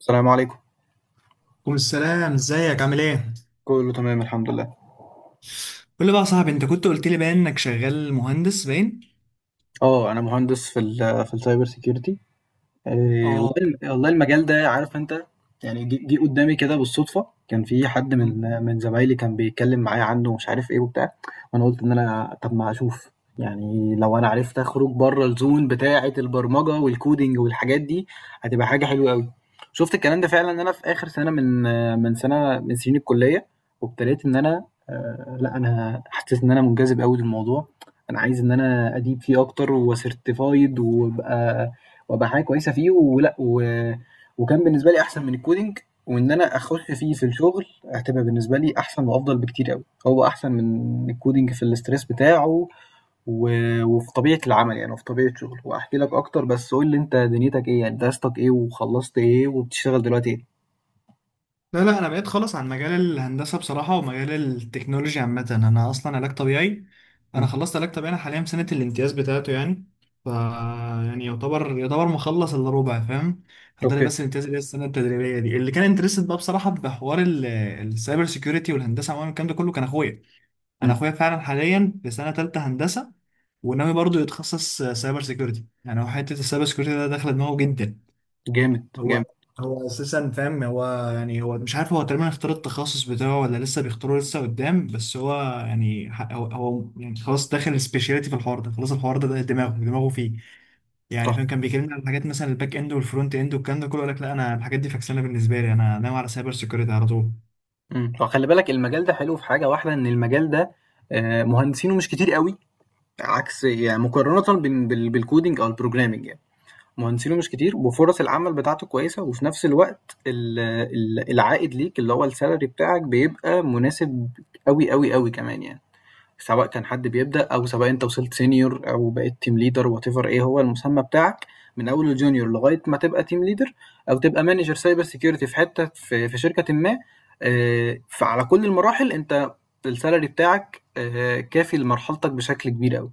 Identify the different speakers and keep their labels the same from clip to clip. Speaker 1: السلام عليكم.
Speaker 2: كل السلام، ازيك؟ عامل ايه؟
Speaker 1: كله تمام الحمد لله.
Speaker 2: قول لي بقى يا صاحبي، انت كنت قلت لي باين انك شغال مهندس باين.
Speaker 1: اه، انا مهندس في ال في السايبر سيكيورتي.
Speaker 2: اه.
Speaker 1: والله والله المجال ده عارف أنت. يعني جه قدّامي كده بالصدفة، كان في حد من
Speaker 2: مم.
Speaker 1: من زمايلي كان بيتكلّم معايا عنه ومش عارف إيه وبتاع. وأنا قُلت إن أنا طَب ما أشوف، يعني لو أنا عرفت أخرج برّه الzone بتاعة البرمجة والcoding والحاجات دي، هتبقى حاجة حلوة أوي. شُفت الكلام ده فعلًا أنا في آخر سَنة من من سَنة من سنين الكلية، وابتديت إن أنا لأ، أنا حسّيت إن أنا مُنجذب أوي للموضوع. أنا عايز إن أنا أدِيب فيه أكتر وcertified وأبقى حاجه كويسه فيه وكان بالنسبه لي احسن من الكودينج. وان انا اخش فيه في الشغل هتبقى بالنسبه لي احسن وافضل بكتير قوي، هو احسن من الكودينج في الاستريس بتاعه و... وفي طبيعه العمل يعني وفي طبيعه شغله. واحكي لك اكتر، بس قول لي انت دنيتك ايه، يعني درستك ايه وخلصت ايه وبتشتغل دلوقتي ايه؟
Speaker 2: لا لا، انا بقيت خالص عن مجال الهندسه بصراحه، ومجال التكنولوجيا عامه. انا اصلا علاج طبيعي، انا
Speaker 1: مم.
Speaker 2: خلصت علاج طبيعي، انا حاليا في سنه الامتياز بتاعته يعني. ف يعني يعتبر مخلص الا ربع، فاهم؟ فاضل لي
Speaker 1: اوكي.
Speaker 2: بس الامتياز اللي هي السنه التدريبيه دي. اللي كان انترست بقى بصراحه بحوار السايبر سيكيورتي والهندسه عموما الكلام ده كله، كان اخويا. انا
Speaker 1: مم.
Speaker 2: اخويا فعلا حاليا في سنه تالتة هندسه، وناوي برضه يتخصص سايبر سيكيورتي. يعني هو حته السايبر سيكيورتي ده داخله دماغه جدا.
Speaker 1: جامد جامد.
Speaker 2: هو هو اساسا فاهم. هو يعني هو مش عارف، هو تقريبا اختار التخصص بتاعه ولا لسه بيختاره لسه قدام، بس هو يعني هو يعني خلاص داخل سبيشاليتي في الحوار ده. خلاص الحوار ده دماغه فيه يعني،
Speaker 1: صح.
Speaker 2: فاهم؟ كان بيكلمني على الحاجات مثلا الباك اند والفرونت اند والكلام ده كله، يقول لك لا انا الحاجات دي فاكسانه بالنسبه لي، انا ناوي على سايبر سيكيورتي على طول.
Speaker 1: مم. فخلي بالك المجال ده حلو في حاجه واحده، ان المجال ده آه، مهندسينه مش كتير قوي، عكس يعني مقارنه بالكودينج او البروجرامينج يعني. مهندسينه مش كتير وفرص العمل بتاعته كويسة، وفي نفس الوقت ال العائد ليك اللي هو السالري بتاعك بيبقى مناسب أوي، أوي، أوي كمان يعني. سواء كان حد بيبدأ أو سواء أنت وصلت senior أو بقيت team leader whatever إيه هو المسمى بتاعك، من أول الjunior لغاية ما تبقى team leader أو تبقى manager cyber security في حتة في في شركةٍ ما. فعلى كل المراحل أنت السالري بتاعك كافي لمرحلتك بشكل كبير أوي.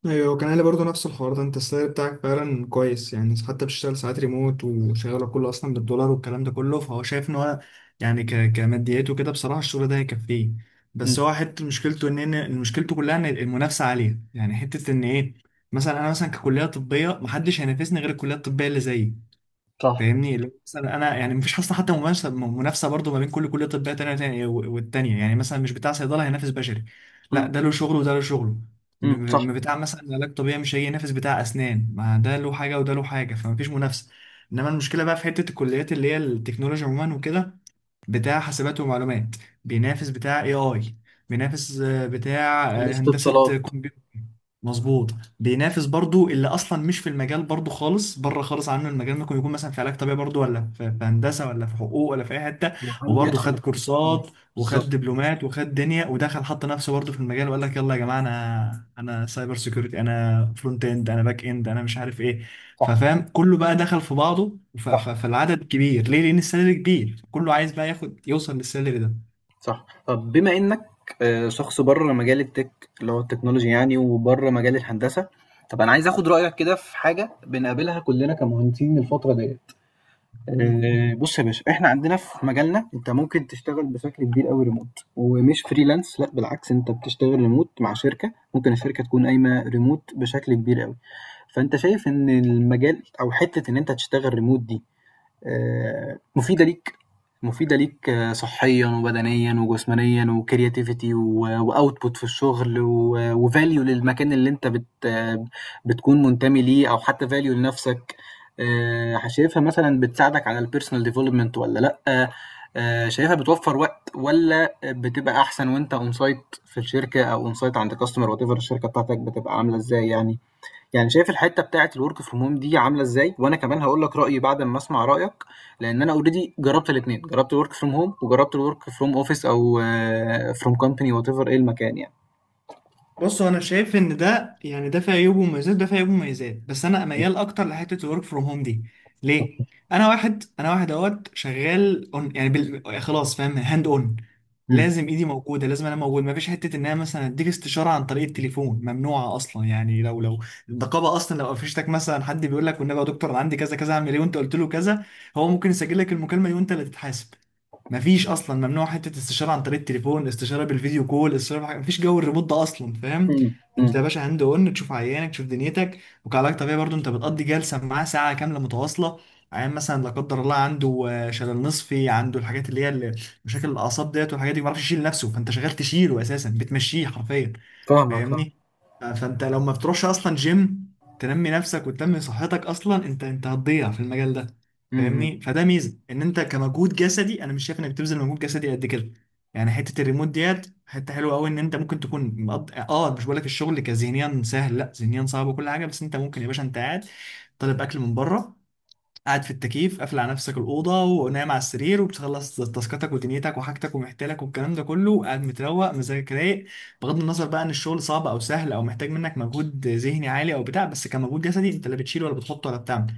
Speaker 2: ايوه، كان قال لي برضه نفس الحوار ده، انت السعر بتاعك فعلا كويس يعني، حتى بتشتغل ساعات ريموت وشغاله كله اصلا بالدولار والكلام ده كله. فهو شايف ان هو يعني كماديات وكده بصراحه الشغل ده هيكفيه. بس
Speaker 1: إمم،
Speaker 2: هو حته مشكلته ان مشكلته كلها ان المنافسه عاليه يعني، حته ان ايه، مثلا انا مثلا ككليه طبيه محدش هينافسني غير الكليه الطبيه اللي زيي.
Speaker 1: صح.
Speaker 2: فاهمني؟ اللي هو مثلا انا يعني مفيش اصلا حتى منافسه برضه ما بين كل كليه طبيه تانية والتانيه يعني. مثلا مش بتاع صيدله هينافس بشري، لا
Speaker 1: إمم.
Speaker 2: ده له شغله وده له شغله. م-
Speaker 1: إمم، صح.
Speaker 2: بتاع مثلا علاج طبيعي مش هيجي ينافس بتاع اسنان، ما ده له حاجه وده له حاجه، فمفيش منافسه. انما المشكله بقى في حته الكليات اللي هي التكنولوجيا عموما وكده، بتاع حاسبات ومعلومات بينافس بتاع اي اي بينافس بتاع
Speaker 1: هندسة
Speaker 2: هندسة
Speaker 1: اتصالات.
Speaker 2: كمبيوتر، مظبوط. بينافس برضو اللي اصلا مش في المجال برضو خالص، بره خالص عنه المجال، ممكن يكون مثلا في علاج طبيعي برضو، ولا في هندسه، ولا في حقوق، ولا في اي حته.
Speaker 1: ويحاول
Speaker 2: وبرضو
Speaker 1: يدخل
Speaker 2: خد
Speaker 1: الكورة. إمم.
Speaker 2: كورسات وخد
Speaker 1: بالضبط.
Speaker 2: دبلومات وخد دنيا ودخل حط نفسه برضو في المجال، وقال لك يلا يا جماعه انا سايبر سيكيورتي، انا فرونت اند، انا باك اند، انا مش عارف ايه.
Speaker 1: صح.
Speaker 2: ففاهم، كله بقى دخل في بعضه.
Speaker 1: صح.
Speaker 2: فالعدد كبير ليه؟ لان السلالم كبير، كله عايز بقى ياخد يوصل للسلالم ده.
Speaker 1: صح. طب بما إنّك شخص برّه مجال الtech اللي هو التكنولوجيا يعني، وبرّه مجال الهندسة، طب أنا عايز آخُد رأيك كده في حاجة بنقابلها كُلّنا كمهندسين الفترة ديّة.
Speaker 2: مم.
Speaker 1: بُص يا باشا، إحنا عندنا في مجالنا أنت ممكن تشتغل بشكل كبير أوي remote ومش freelance، لأ بالعكس، أنت بتشتغل remote مع شركة، ممكن الشركة تكون قايمة remote بشكل كبير أوي. فأنت شايف إن المجال، أو حتّة إن أنت تشتغل remote دي آه، مفيدة ليك، مفيدة ليك آه، صحيا وبدنيا وجسمانيا وكرياتيفيتي واوتبوت في الشغل، وفاليو للمكان اللي انت بت آه، بتكون منتمي ليه، او حتى فاليو لنفسك. آه، شايفها مثلا بتساعدك على البيرسونال ديفلوبمنت ولا لا؟ آه، شايفها بتوفر وقت ولا بتبقى احسن وانت اون سايت في الشركة، او اون سايت عند كاستمر، وات ايفر الشركة بتاعتك بتبقى عاملة ازاي يعني. يعني شايف الحتة بتاعة الwork from home دي عاملة إزاي؟ وأنا كمان هاقول لك رأيي بعد أمّا أسمع رأيك، لإن أنا already جرّبت الاتنين، جرّبت الwork from home وجرّبت الwork from office أو آه، from company whatever إيه المكان يعني.
Speaker 2: بص، انا شايف ان ده يعني، ده فيه عيوب ومميزات، ده فيه عيوب ومميزات، بس انا ميال اكتر لحته الورك فروم هوم دي. ليه؟ انا واحد، اهوت، شغال اون يعني خلاص فاهم، هاند اون.
Speaker 1: إمم.
Speaker 2: لازم ايدي موجوده، لازم انا موجود. مفيش حته ان انا مثلا اديك استشاره عن طريق التليفون، ممنوعه اصلا يعني. لو النقابه اصلا لو قفشتك، مثلا حد بيقول لك والنبي يا دكتور انا عندي كذا كذا اعمل ايه، وانت قلت له كذا، هو ممكن يسجل لك المكالمه دي وانت اللي تتحاسب. مفيش اصلا، ممنوع حته استشاره عن طريق التليفون، استشاره بالفيديو كول، استشاره بحاجة. مفيش جو الريموت ده اصلا، فاهم؟
Speaker 1: إمم،
Speaker 2: انت
Speaker 1: إمم.
Speaker 2: يا باشا هاند اون، تشوف عيانك، تشوف دنيتك. وكعلاج طبيعي برضو انت بتقضي جلسه معاه ساعه كامله متواصله. عيان مثلا لا قدر الله عنده شلل نصفي، عنده الحاجات اللي هي مشاكل الاعصاب ديت والحاجات دي، ما بيعرفش يشيل نفسه، فانت شغال تشيله اساسا، بتمشيه حرفيا.
Speaker 1: فاهمك فاهمك.
Speaker 2: فاهمني؟ فانت لو ما بتروحش اصلا جيم تنمي نفسك وتنمي صحتك اصلا، انت هتضيع في المجال ده.
Speaker 1: إمم، إمم.
Speaker 2: فاهمني؟ فده ميزه، ان انت كمجهود جسدي انا مش شايف انك بتبذل مجهود جسدي قد كده. يعني حته الريموت ديت حته حلوه قوي، ان انت ممكن تكون اه مش بقول لك الشغل كذهنيا سهل، لا ذهنيا صعب وكل حاجه، بس انت ممكن يا باشا انت قاعد طالب اكل من بره، قاعد في التكييف، قافل على نفسك الأوضة، ونايم على السرير، وبتخلص تاسكاتك ودنيتك وحاجتك ومحتلك والكلام ده كله، وقاعد متروق، مزاجك رايق. بغض النظر بقى إن الشغل صعب أو سهل أو محتاج منك مجهود ذهني عالي أو بتاع، بس كمجهود جسدي أنت لا بتشيل ولا بتحط ولا بتعمل.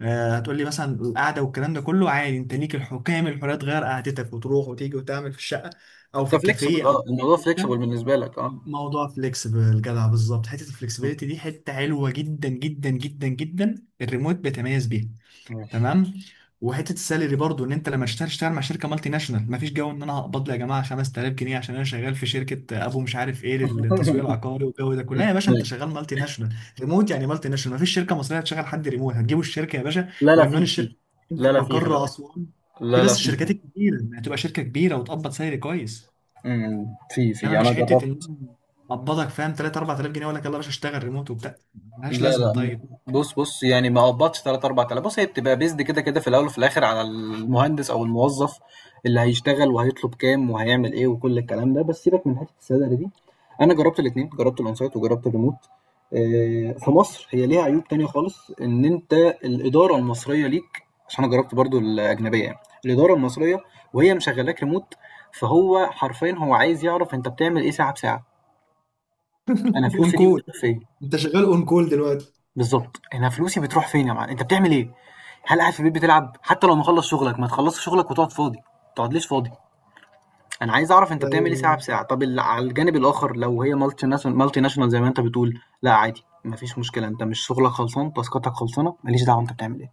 Speaker 2: آه هتقول لي مثلا القعدة والكلام ده كله، عادي، أنت ليك الحكام كامل الحرية تغير قعدتك وتروح وتيجي وتعمل في الشقة، أو في
Speaker 1: أنت
Speaker 2: الكافيه،
Speaker 1: flexible،
Speaker 2: أو
Speaker 1: آه،
Speaker 2: في أي
Speaker 1: الموضوع
Speaker 2: حتة.
Speaker 1: flexible بالنسبة لك آه.
Speaker 2: موضوع فليكسبل جدع بالظبط، حته
Speaker 1: إمم،
Speaker 2: الفلكسبيليتي دي حته حلوه جدا جدا جدا جدا، الريموت بيتميز بيها.
Speaker 1: ماشي.
Speaker 2: تمام. وحته السالري برضو، ان انت لما اشتغل، اشتغل مع شركه مالتي ناشونال، مفيش جو ان انا هقبض لي يا جماعه 5000 جنيه عشان انا شغال في شركه ابو مش عارف ايه للتسويق العقاري والجو ده كله.
Speaker 1: إمم،
Speaker 2: لا يا باشا، انت
Speaker 1: أيوه.
Speaker 2: شغال مالتي ناشونال، ريموت يعني، مالتي ناشونال. مفيش شركه مصريه هتشغل حد ريموت، هتجيبوا الشركه يا باشا
Speaker 1: لا، لا
Speaker 2: وعنوان
Speaker 1: في،
Speaker 2: الشركه
Speaker 1: في.
Speaker 2: في
Speaker 1: لا، لا في، خلي
Speaker 2: مقر
Speaker 1: بالك.
Speaker 2: اسوان. في
Speaker 1: لا، لا
Speaker 2: بس
Speaker 1: في،
Speaker 2: الشركات
Speaker 1: في.
Speaker 2: الكبيره يعني، هتبقى شركه كبيره وتقبض سالري كويس.
Speaker 1: إمم، في،
Speaker 2: انما
Speaker 1: في. أنا
Speaker 2: مش حته
Speaker 1: جرّبت.
Speaker 2: ان اقبضك، فاهم، 3 4000 جنيه ولا يلا يا باشا اشتغل ريموت وبتاع، ملهاش
Speaker 1: لا
Speaker 2: لازمه.
Speaker 1: لا،
Speaker 2: طيب.
Speaker 1: بص بص، يعني ما قبضش 3 4000. بص هي بتبقى بيزد كده كده في الاول وفي الاخر على المهندس او الموظف اللي هيشتغل وهيطلب كام وهيعمل ايه وكل الكلام ده. بس سيبك من حته السالري دي، انا جربت الاثنين، جربت الاون سايت وجربت الريموت. آه، في مصر هي ليها عيوب تانية خالص، ان انت الاداره المصريه ليك، عشان انا جربت برضو الاجنبيه يعني. الاداره المصريه وهي مشغلاك ريموت، فهو حرفيا هو عايز يعرف انت بتعمل ايه ساعه بساعه. انا
Speaker 2: اون
Speaker 1: فلوسي دي
Speaker 2: كول.
Speaker 1: بتروح فين؟
Speaker 2: انت شغال اون كول دلوقتي؟
Speaker 1: بالضبط، أنا فلوسي بتروح فين يا معلم؟ أنت بتعمل إيه؟ هل قاعد في البيت بتلعب؟ حتى لو مخلّص شغلك، ما تخلّصش شغلك وتقعد فاضي، ما تقعدليش فاضي، أنا عايز أعرف أنت بتعمل إيه ساعة بساعة. طب على الجانب الآخر، لو هي multi national زي ما أنت بتقول، لأ عادي ما فيش مشكلة، أنت مش شغلك خلصان، تاسكاتك خلصانة، ما ليش دعوة أنت بتعمل إيه.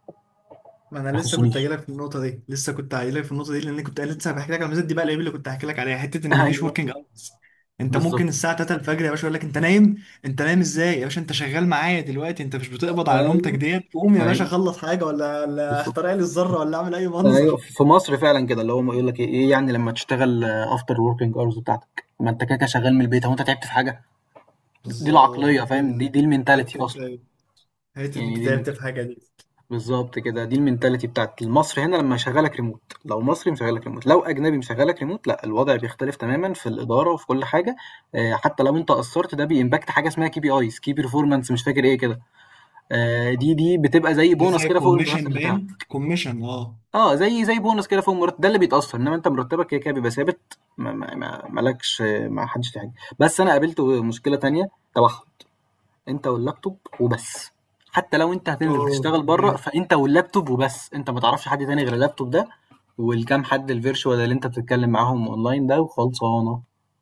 Speaker 2: ما
Speaker 1: ما
Speaker 2: انا لسه كنت
Speaker 1: يخصنيش.
Speaker 2: هجيلك في النقطه دي، لسه كنت هجيلك في النقطه دي، لان كنت لسه بحكي لك على الميزات دي. بقى العيب اللي كنت هحكي لك عليها، حته ان مفيش
Speaker 1: أيوه،
Speaker 2: وركينج اورز. انت
Speaker 1: بالضبط.
Speaker 2: ممكن الساعه 3 الفجر يا باشا يقول لك انت نايم. انت نايم ازاي يا باشا؟ انت شغال معايا دلوقتي، انت مش بتقبض على نومتك
Speaker 1: أيوه.
Speaker 2: ديت، قوم يا باشا
Speaker 1: أيوه،
Speaker 2: خلص حاجه، ولا
Speaker 1: بالضبط.
Speaker 2: اخترع لي الذره، ولا اعمل اي
Speaker 1: أيوه.
Speaker 2: منظر.
Speaker 1: في مصر فعلًا كده، اللي هُم يقول لك إيه، إيه يعني لمّا تشتغل after working hours بتاعتك، ما أنت كده، كده شغال من البيت، هو أنت تعبت في حاجة؟ دي
Speaker 2: بالظبط،
Speaker 1: العقلية فاهم؟ دي
Speaker 2: انت
Speaker 1: دي المنتاليتي
Speaker 2: حته،
Speaker 1: أصلًا.
Speaker 2: انت
Speaker 1: يعني دي
Speaker 2: تعبت
Speaker 1: المنت
Speaker 2: في حاجه دي؟
Speaker 1: بالضبط كده، دي المنتاليتي بتاعة المصري هنا لمّا يشغّلك remote، لو مصري مشغّلك remote، لو أجنبي مشغّلك remote لأ، الوضع بيختلف تمامًا في الإدارة وفي كل حاجة. حتى لو أنت قصّرت، ده بيimpact حاجة اسمها KPIs key performance مش فاكر إيه كده. دي بتبقى زي
Speaker 2: دي
Speaker 1: bonus
Speaker 2: زي
Speaker 1: كده فوق
Speaker 2: كوميشن،
Speaker 1: المرتب
Speaker 2: باين
Speaker 1: بتاعك.
Speaker 2: كوميشن، اه.
Speaker 1: آه، زي bonus كده فوق المرتب، ده اللي بيتأثّر، إنّما أنت مرتبك كده كده بيبقى ثابت، ما لكش، ما حدش فيه حاجة. بس أنا قابلت مشكلة تانية تبعهم. انت واللابتوب وبس، حتى لو انت هتنزل
Speaker 2: اه.
Speaker 1: تشتغل بره فانت واللابتوب وبس، انت ما تعرفش حد تاني غير اللابتوب ده، والكام حد الفيرشوال اللي انت بتتكلم معاهم اونلاين ده، وخلصانه، ما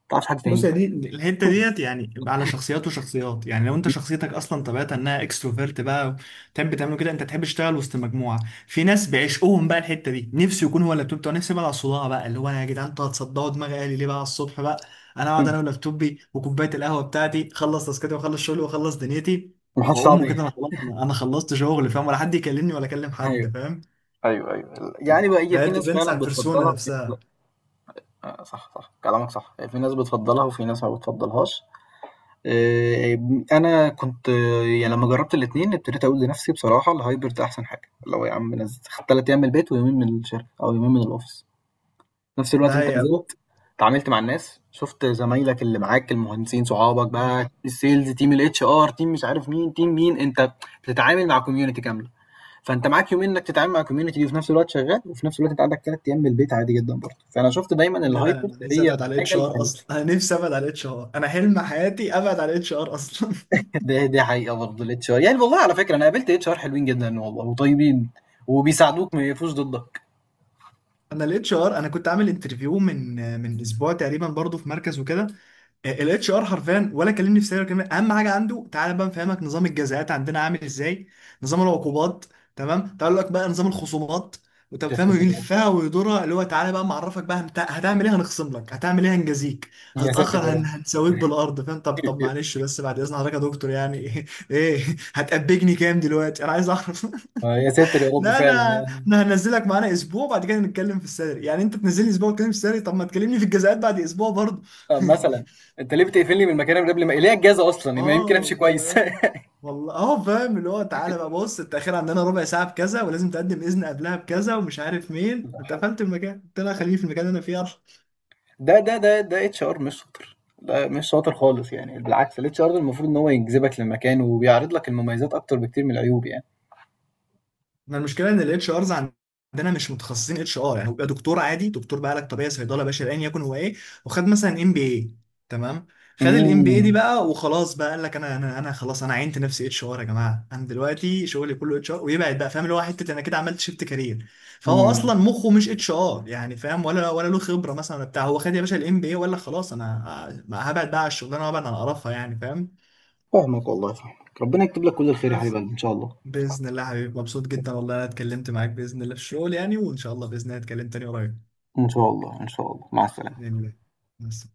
Speaker 1: تعرفش حد
Speaker 2: بص
Speaker 1: تاني.
Speaker 2: يا، الحته ديت يعني على شخصيات وشخصيات يعني. لو انت شخصيتك اصلا طبيعتها انها اكستروفيرت بقى، تحب تعمله كده، انت تحب تشتغل وسط مجموعه، في ناس بيعشقوهم بقى الحته دي، نفسي يكون هو اللابتوب بتاعه. نفسي بقى على الصداع بقى، اللي هو انا يا جدعان انتوا هتصدعوا دماغي، قالي ليه بقى على الصبح بقى. انا اقعد
Speaker 1: مم.
Speaker 2: انا ولابتوبي وكوبايه القهوه بتاعتي، اخلص تاسكاتي واخلص شغلي واخلص دنيتي،
Speaker 1: محدش تعرف
Speaker 2: واقوم
Speaker 1: ايه.
Speaker 2: كده انا خلاص، انا خلصت شغل، فاهم؟ ولا حد يكلمني ولا اكلم
Speaker 1: ايوه.
Speaker 2: حد، فاهم؟
Speaker 1: ايوه ايوه، يعني بقى هي
Speaker 2: فهي
Speaker 1: في ناس
Speaker 2: ديبينس
Speaker 1: فعلا
Speaker 2: على
Speaker 1: بتفضلها
Speaker 2: البيرسونا
Speaker 1: وفي ناس لا.
Speaker 2: نفسها.
Speaker 1: آه، صح صح كلامك صح، في ناس بتفضلها وفي ناس ما بتفضلهاش. آه، انا كنت آه، يعني لما جربت الاتنين ابتديت اقول لنفسي بصراحه الهايبرد احسن حاجه، لو يا عم نزل ثلاث ايام من البيت ويومين من الشركه او يومين من الاوفيس. في نفس الوقت أنت
Speaker 2: ده
Speaker 1: نزلت اتعاملت مع الناس، شُفت زمايلك اللي معاك المهندسين صحابك
Speaker 2: هي.
Speaker 1: بقى، الsales تيم الHR تيم مش عارف مين، تيم مين، أنت بتتعامل مع community كاملة. فأنت معاك يومين إنك تتعامل مع الcommunity دي وفي نفس الوقت شغال، وفي نفس الوقت أنت عندك 3 أيام من البيت عادي جدًا برضه، فأنا شُفت دايمًا
Speaker 2: لا انا
Speaker 1: الhybrid
Speaker 2: نفسي
Speaker 1: هي
Speaker 2: ابعد على
Speaker 1: الحاجة
Speaker 2: الاتش ار
Speaker 1: الحلوة.
Speaker 2: اصلا، انا نفسي ابعد على الاتش ار، انا حلم حياتي ابعد على الاتش ار اصلا.
Speaker 1: دي حقيقة برضه الHR يعني، والله على فكرة أنا قابلت HR حلوين جدًا والله وطيبين، وبيساعدوك ما يقفوش ضدك.
Speaker 2: انا الاتش ار، انا كنت عامل انترفيو من اسبوع تقريبا برضو، في مركز وكده. الاتش ار حرفيا ولا كلمني في سيرة كلمه، اهم حاجه عنده تعالى بقى نفهمك نظام الجزاءات عندنا عامل ازاي، نظام العقوبات، تمام، تعال لك بقى نظام الخصومات. وطب
Speaker 1: يا
Speaker 2: فاهم
Speaker 1: ساتر يا رب.
Speaker 2: يلفها ويدورها، اللي هو تعالى بقى معرفك بقى هتعمل ايه هنخصم لك، هتعمل ايه هنجازيك،
Speaker 1: يا ساتر
Speaker 2: هتتاخر
Speaker 1: يا رب.
Speaker 2: هنسويك بالارض، فاهم؟ طب معلش بس بعد اذن حضرتك يا دكتور يعني، ايه؟ ايه؟ هتأبجني كام دلوقتي انا عايز اعرف؟
Speaker 1: يا ساتر يا رب
Speaker 2: لا
Speaker 1: فعلًا
Speaker 2: انا،
Speaker 1: يعني.
Speaker 2: هنزلك معانا اسبوع بعد كده نتكلم في السالري يعني، انت تنزلني اسبوع وتتكلم في السالري؟ طب ما تكلمني في الجزاءات بعد اسبوع برضه.
Speaker 1: آه، مثلا انت ليه بتقفلني من مكاني من قبل، ما ليه اجازه اصلا، ما يمكن امشي
Speaker 2: اه
Speaker 1: كويس.
Speaker 2: فاهم، والله اه فاهم. اللي هو تعالى بقى بص التأخير عندنا ربع ساعة بكذا، ولازم تقدم إذن قبلها بكذا ومش عارف مين،
Speaker 1: لا
Speaker 2: انت
Speaker 1: حول.
Speaker 2: قفلت المكان، قلت لها خليني في المكان اللي انا فيه.
Speaker 1: ده اتش ار مش شاطر، ده مش شاطر خالص يعني، بالعكس الاتش ار المفروض ان هو يجذبك للمكان وبيعرض لك المميزات اكتر بكتير من العيوب يعني.
Speaker 2: احنا المشكله ان الاتش ارز عندنا مش متخصصين اتش ار يعني، هو بيبقى دكتور عادي، دكتور بقى علاج طبيعي، صيدله، باشا ايا يكن هو ايه. وخد مثلا ام بي اي، تمام، خد الام بي اي دي
Speaker 1: امم.
Speaker 2: بقى وخلاص بقى، قال لك انا انا خلاص انا عينت نفسي اتش ار يا جماعه، انا دلوقتي شغلي كله اتش ار، ويبعد بقى، فاهم؟ اللي هو حته انا كده عملت شيفت كارير. فهو
Speaker 1: امم.
Speaker 2: اصلا مخه مش اتش ار يعني، فاهم؟ ولا له خبره مثلا ولا بتاع، هو خد يا باشا الام بي اي ولا خلاص، انا هبعد بقى على الشغلانه وابعد عن قرفها يعني، فاهم؟
Speaker 1: فاهمك والله فاهمك، ربنا يكتب لك كل الخير يا حبيب
Speaker 2: بس.
Speaker 1: قلبي ان شاء الله.
Speaker 2: باذن الله حبيبي، مبسوط جدا والله انا اتكلمت معاك، باذن الله في الشغل يعني، وان شاء الله باذن الله اتكلم تاني قريب.
Speaker 1: ان شاء الله ان شاء الله، مع السلامه.
Speaker 2: باذن الله. بس.